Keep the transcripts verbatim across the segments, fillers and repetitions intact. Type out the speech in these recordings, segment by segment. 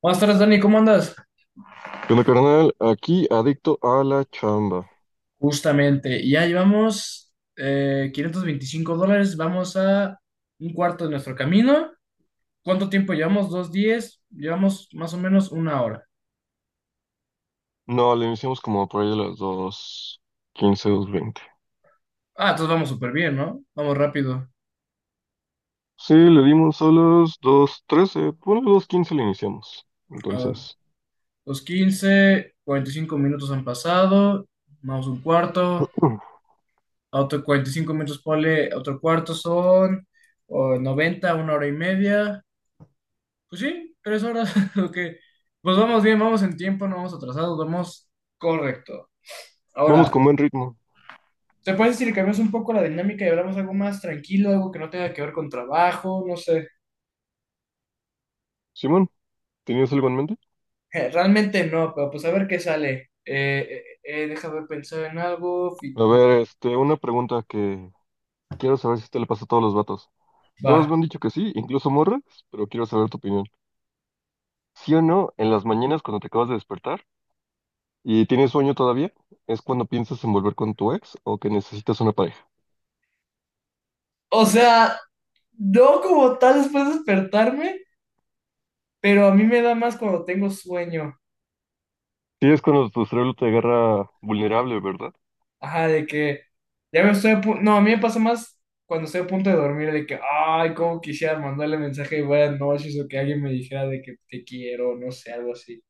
Buenas tardes, Dani, ¿cómo andas? ¿Qué onda, carnal? Aquí adicto a la chamba. Justamente, ya llevamos eh, quinientos veinticinco dólares, vamos a un cuarto de nuestro camino. ¿Cuánto tiempo llevamos? ¿Dos días? Llevamos más o menos una hora. No, le iniciamos como por ahí a las dos, quince, dos veinte. Ah, entonces vamos súper bien, ¿no? Vamos rápido. Sí, le dimos a las dos trece. Bueno, a las quince le iniciamos. A ver, Entonces, dos quince, cuarenta y cinco minutos han pasado, vamos un cuarto, mm, a otro cuarenta y cinco minutos ponle otro cuarto, son oh, noventa, una hora y media. Pues sí, tres horas, ok. Pues vamos bien, vamos en tiempo, no vamos atrasados, vamos correcto. vamos Ahora, con buen ritmo. ¿te puedes decir que cambiamos un poco la dinámica y hablamos algo más tranquilo, algo que no tenga que ver con trabajo? No sé. Simón, ¿tenías algo en mente? Eh, Realmente no, pero pues a ver qué sale. Eh, eh, eh, déjame pensar en algo. fi- A No. ver, este, una pregunta que quiero saber si te le pasa a todos los vatos. Va. Todos me han dicho que sí, incluso morras, pero quiero saber tu opinión. ¿Sí o no, en las mañanas cuando te acabas de despertar y tienes sueño todavía, es cuando piensas en volver con tu ex o que necesitas una pareja? O sea, no como tal después de despertarme, pero a mí me da más cuando tengo sueño. Sí, es cuando tu cerebro te agarra vulnerable, ¿verdad? Ajá, de que ya me estoy a pu- no, a mí me pasa más cuando estoy a punto de dormir, de que, ay, cómo quisiera mandarle mensaje de buenas noches o que alguien me dijera de que te quiero, no sé, algo así.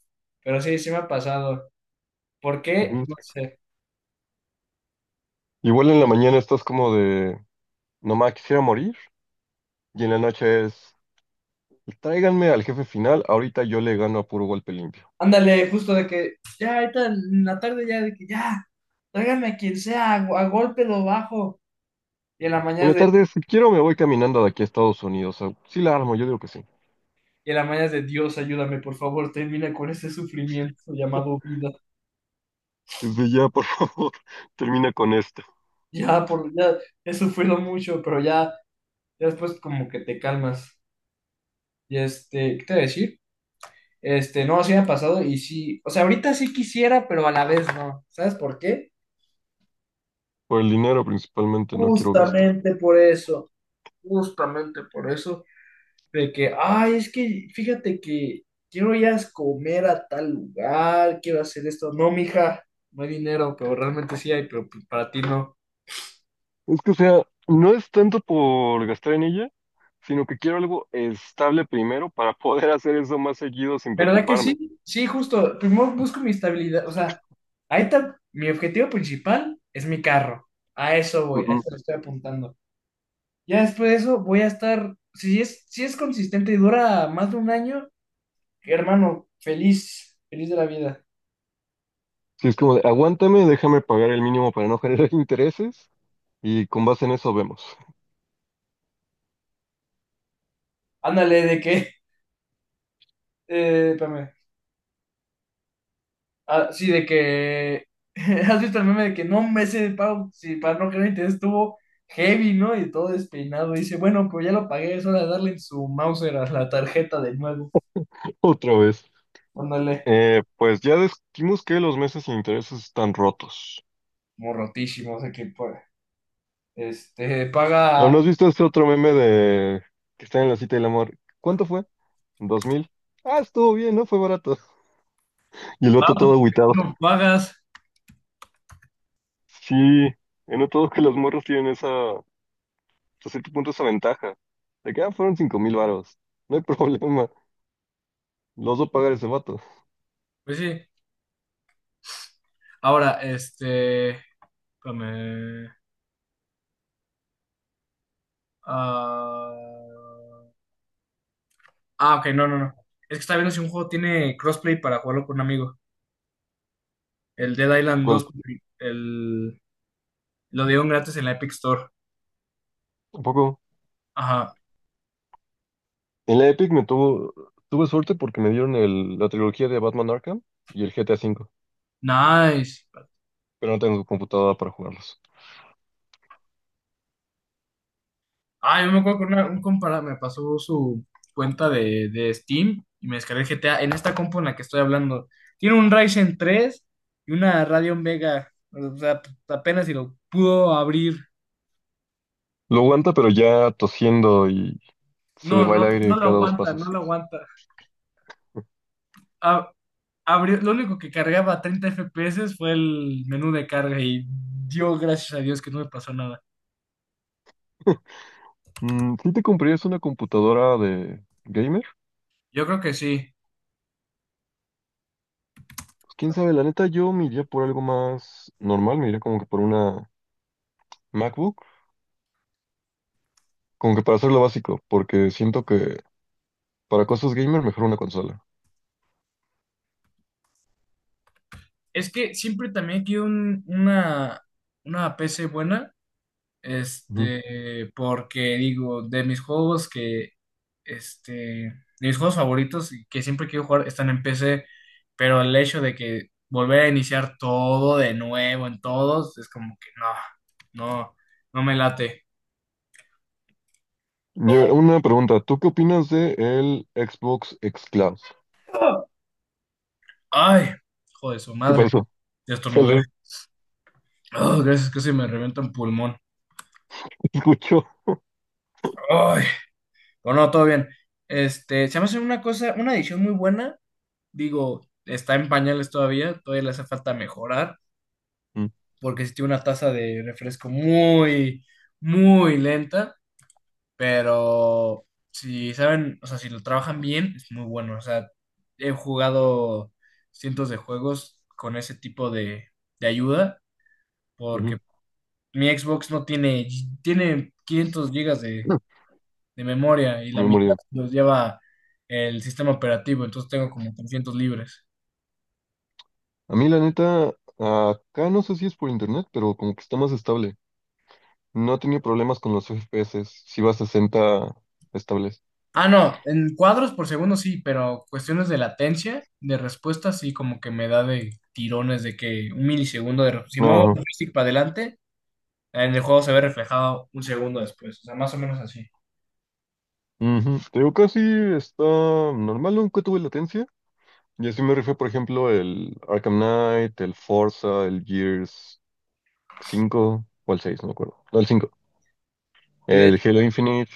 Pero sí, sí me ha pasado. ¿Por qué? Ujú. No sé. Igual en la mañana estás como de, nomás quisiera morir, y en la noche es, tráiganme al jefe final, ahorita yo le gano a puro golpe limpio. Ándale, justo de que ya ahorita en la tarde ya de que ya, tráigame a quien sea, a, a golpe lo bajo. Y en la En mañana la es de, tarde, si quiero, me voy caminando de aquí a Estados Unidos. O sea, sí la armo, yo digo que sí. y en la mañana es de Dios, ayúdame, por favor, termina con este sufrimiento llamado vida. Desde ya, por favor, termina con esto. Ya, por, ya he sufrido mucho, pero ya. Ya después como que te calmas. Y este, ¿qué te voy a decir? Este, no, sí me ha pasado y sí, o sea, ahorita sí quisiera, pero a la vez no. ¿Sabes por qué? Por el dinero principalmente no quiero gastar. Justamente por eso, justamente por eso, de que, ay, es que fíjate que quiero ir a comer a tal lugar, quiero hacer esto. No, mija, no hay dinero, pero realmente sí hay, pero pues, para ti no. Es que, o sea, no es tanto por gastar en ella, sino que quiero algo estable primero para poder hacer eso más seguido sin ¿Verdad que preocuparme. sí? Sí, justo. Primero busco mi estabilidad. O sea, ahí está. Mi objetivo principal es mi carro. A eso voy, a eso le estoy apuntando. Ya después de eso voy a estar. Si es, si es consistente y dura más de un año, hermano, feliz, feliz de la vida. Sí, es como de, aguántame, déjame pagar el mínimo para no generar intereses y con base en eso vemos. Ándale, de que. Eh, espérame. Ah, sí, de que. ¿Has visto el meme de que no me sé de pago? Si para no creer, te estuvo heavy, ¿no? Y todo despeinado. Dice, bueno, pues ya lo pagué, es hora de darle en su Mauser a la tarjeta de nuevo. Otra vez. Ándale, Eh, pues ya descubrimos que los meses sin intereses están rotos. como rotísimo, o sea que pues, este, ¿O no paga has visto este otro meme de que está en la cita del amor? ¿Cuánto fue? ¿Dos mil? Ah, estuvo bien, ¿no? Fue barato. Y el otro barato, todo porque agüitado. tú no pagas. Sí, he notado que los morros tienen esa, hasta cierto punto, esa ventaja. De que, ah, fueron cinco mil varos. No hay problema. Los dos pagar ese vato. Pues sí. Ahora, este. Espérame, ah, ah, ok, no, no, no. Es que está viendo si un juego tiene crossplay para jugarlo con un amigo. El Dead Island ¿Cuál? dos, el, lo dieron gratis en la Epic Store. ¿Tampoco? Ajá. En la Epic me tuvo, tuve suerte porque me dieron el- la trilogía de Batman Arkham y el G T A V, Nice. pero no tengo computadora para jugarlos. Ah, yo me acuerdo que una- un compa me pasó su cuenta de, de Steam y me descargué el G T A en esta compu en la que estoy hablando. Tiene un Ryzen tres y una Radeon Vega. O sea, apenas si lo pudo abrir. Lo aguanta, pero ya tosiendo y se le No, va el no, no aire lo cada dos aguanta, no pasos. lo aguanta. A- abrió- lo único que cargaba a treinta F P S fue el menú de carga, y dio gracias a Dios que no me pasó nada. Mm, si te comprarías una computadora de gamer, Yo creo que sí. pues quién sabe, la neta yo me iría por algo más normal, me iría como que por una MacBook, como que para hacer lo básico, porque siento que para cosas gamer mejor una consola. Es que siempre también quiero un- una, una P C buena. Ujú. Este, porque digo, de mis juegos que, este, de mis juegos favoritos y que siempre quiero jugar están en P C, pero el hecho de que volver a iniciar todo de nuevo en todos es como que no, no, no me late. Y a ver, una pregunta, ¿tú qué opinas de el Xbox Xcloud? Ay, joder, su ¿Qué madre, pasó? ya estornudé. Salud. Oh, gracias, casi me revienta un pulmón. Escuchó. Ay, bueno, no, todo bien. Este, se me hace una cosa, una edición muy buena. Digo, está en pañales todavía, todavía le hace falta mejorar. Mm, Porque sí tiene una taza de refresco muy, muy lenta, pero si saben, o sea, si lo trabajan bien, es muy bueno. O sea, he jugado cientos de juegos con ese tipo de, de ayuda, porque ujú. mi Xbox no tiene, tiene quinientos gigas de, de memoria y la Me morí. mitad los lleva el sistema operativo, entonces tengo como trescientos libres. A mí, la neta, acá no sé si es por internet, pero como que está más estable. No he tenido problemas con los F P S. Si va a sesenta estables. Ah, no, en cuadros por segundo sí, pero cuestiones de latencia, de respuesta, sí, como que me da de tirones de que un milisegundo de... Si muevo el Ajá. joystick para adelante, en el juego se ve reflejado un segundo después, o sea, más o menos así. Ujú. Te digo, casi está normal, ¿no? Nunca tuve latencia. Y así me rifé, por ejemplo, el Arkham Knight, el Forza, el Gears cinco o el seis no me acuerdo. No, el cinco. Y de hecho, El Halo Infinite.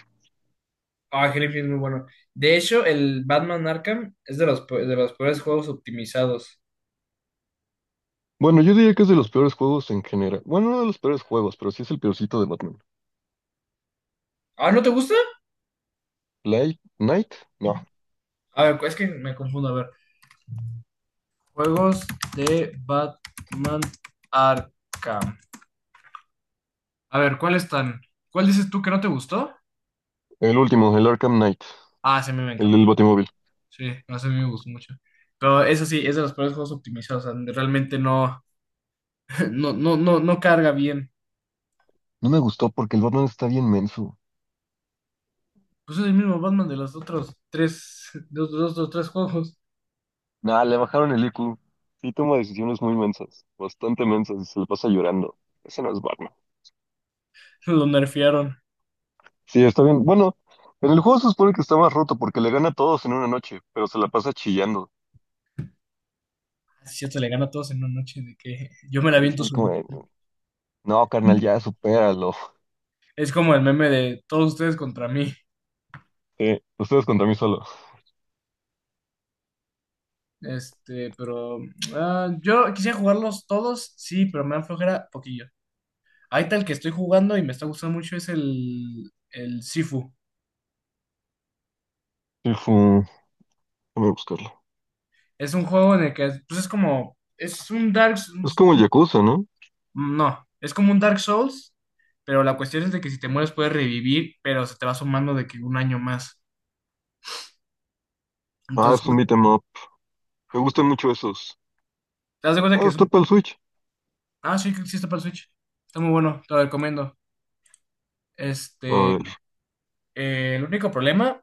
ah, Hellblade es muy bueno. De hecho, el Batman Arkham es de los, pe- de los peores juegos optimizados. Bueno, yo diría que es de los peores juegos en general. Bueno, no de los peores juegos, pero sí es el peorcito de Batman. Ah, ¿no te gusta? Light Knight, no, A ver, es que me confundo, a ver. Juegos de Batman Arkham. A ver, ¿cuáles están? ¿Cuál dices tú que no te gustó? el último, el Arkham Knight, Ah, sí, a mí me el del encantó. Batimóvil. Sí, no, ese a mí me gustó mucho. Pero eso sí, es de los peores juegos optimizados. O sea, realmente no, no, no, no, no carga bien. No me gustó porque el Batman está bien menso. Pues es el mismo Batman de los otros tres, de los dos, dos, tres juegos. Nah, le bajaron el I Q. Sí toma decisiones muy mensas, bastante mensas, y se le pasa llorando. Ese no es Batman. Lo nerfearon. Sí, está bien. Bueno, en el juego se supone que está más roto porque le gana a todos en una noche, pero se la pasa chillando. Es cierto, le gana a todos en una noche de que yo me la Y es aviento así como, solito. de, no, carnal, ya supéralo. Es como el meme de todos ustedes contra mí. Sí, ustedes contra mí solo. Este, pero ah, yo quisiera jugarlos todos, sí, pero me dan flojera poquillo. Ahí tal que estoy jugando y me está gustando mucho es el, el Sifu. Sí, fue... Déjame buscarlo. Es un juego en el que, pues es como, es un Dark, Es como el Yakuza, ¿no? no, es como un Dark Souls, pero la cuestión es de que si te mueres puedes revivir, pero se te va sumando de que un año más. Ah, Entonces, es un beat 'em up. Me gustan mucho esos. te das de cuenta que Ah, es está un- para el Switch. ah, sí, que existe para el Switch. Está muy bueno, te lo recomiendo. A Este, ver. eh, el único problema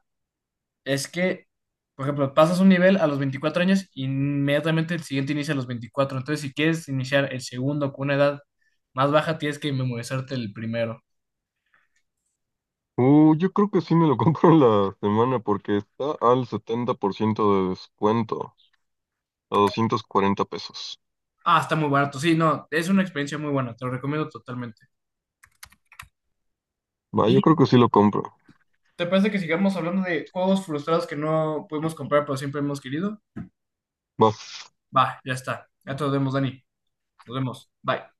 es que, por ejemplo, pasas un nivel a los veinticuatro años y inmediatamente el siguiente inicia a los veinticuatro. Entonces, si quieres iniciar el segundo con una edad más baja, tienes que memorizarte el primero. Uh, yo creo que sí me lo compro en la semana porque está al setenta por ciento de descuento, a doscientos cuarenta pesos. Ah, está muy barato. Sí, no, es una experiencia muy buena, te lo recomiendo totalmente. Va, ¿Y yo creo que sí lo compro. te parece que sigamos hablando de juegos frustrados que no pudimos comprar, pero siempre hemos querido? Va. Va, ya está. Ya te nos vemos, Dani. Nos vemos. Bye.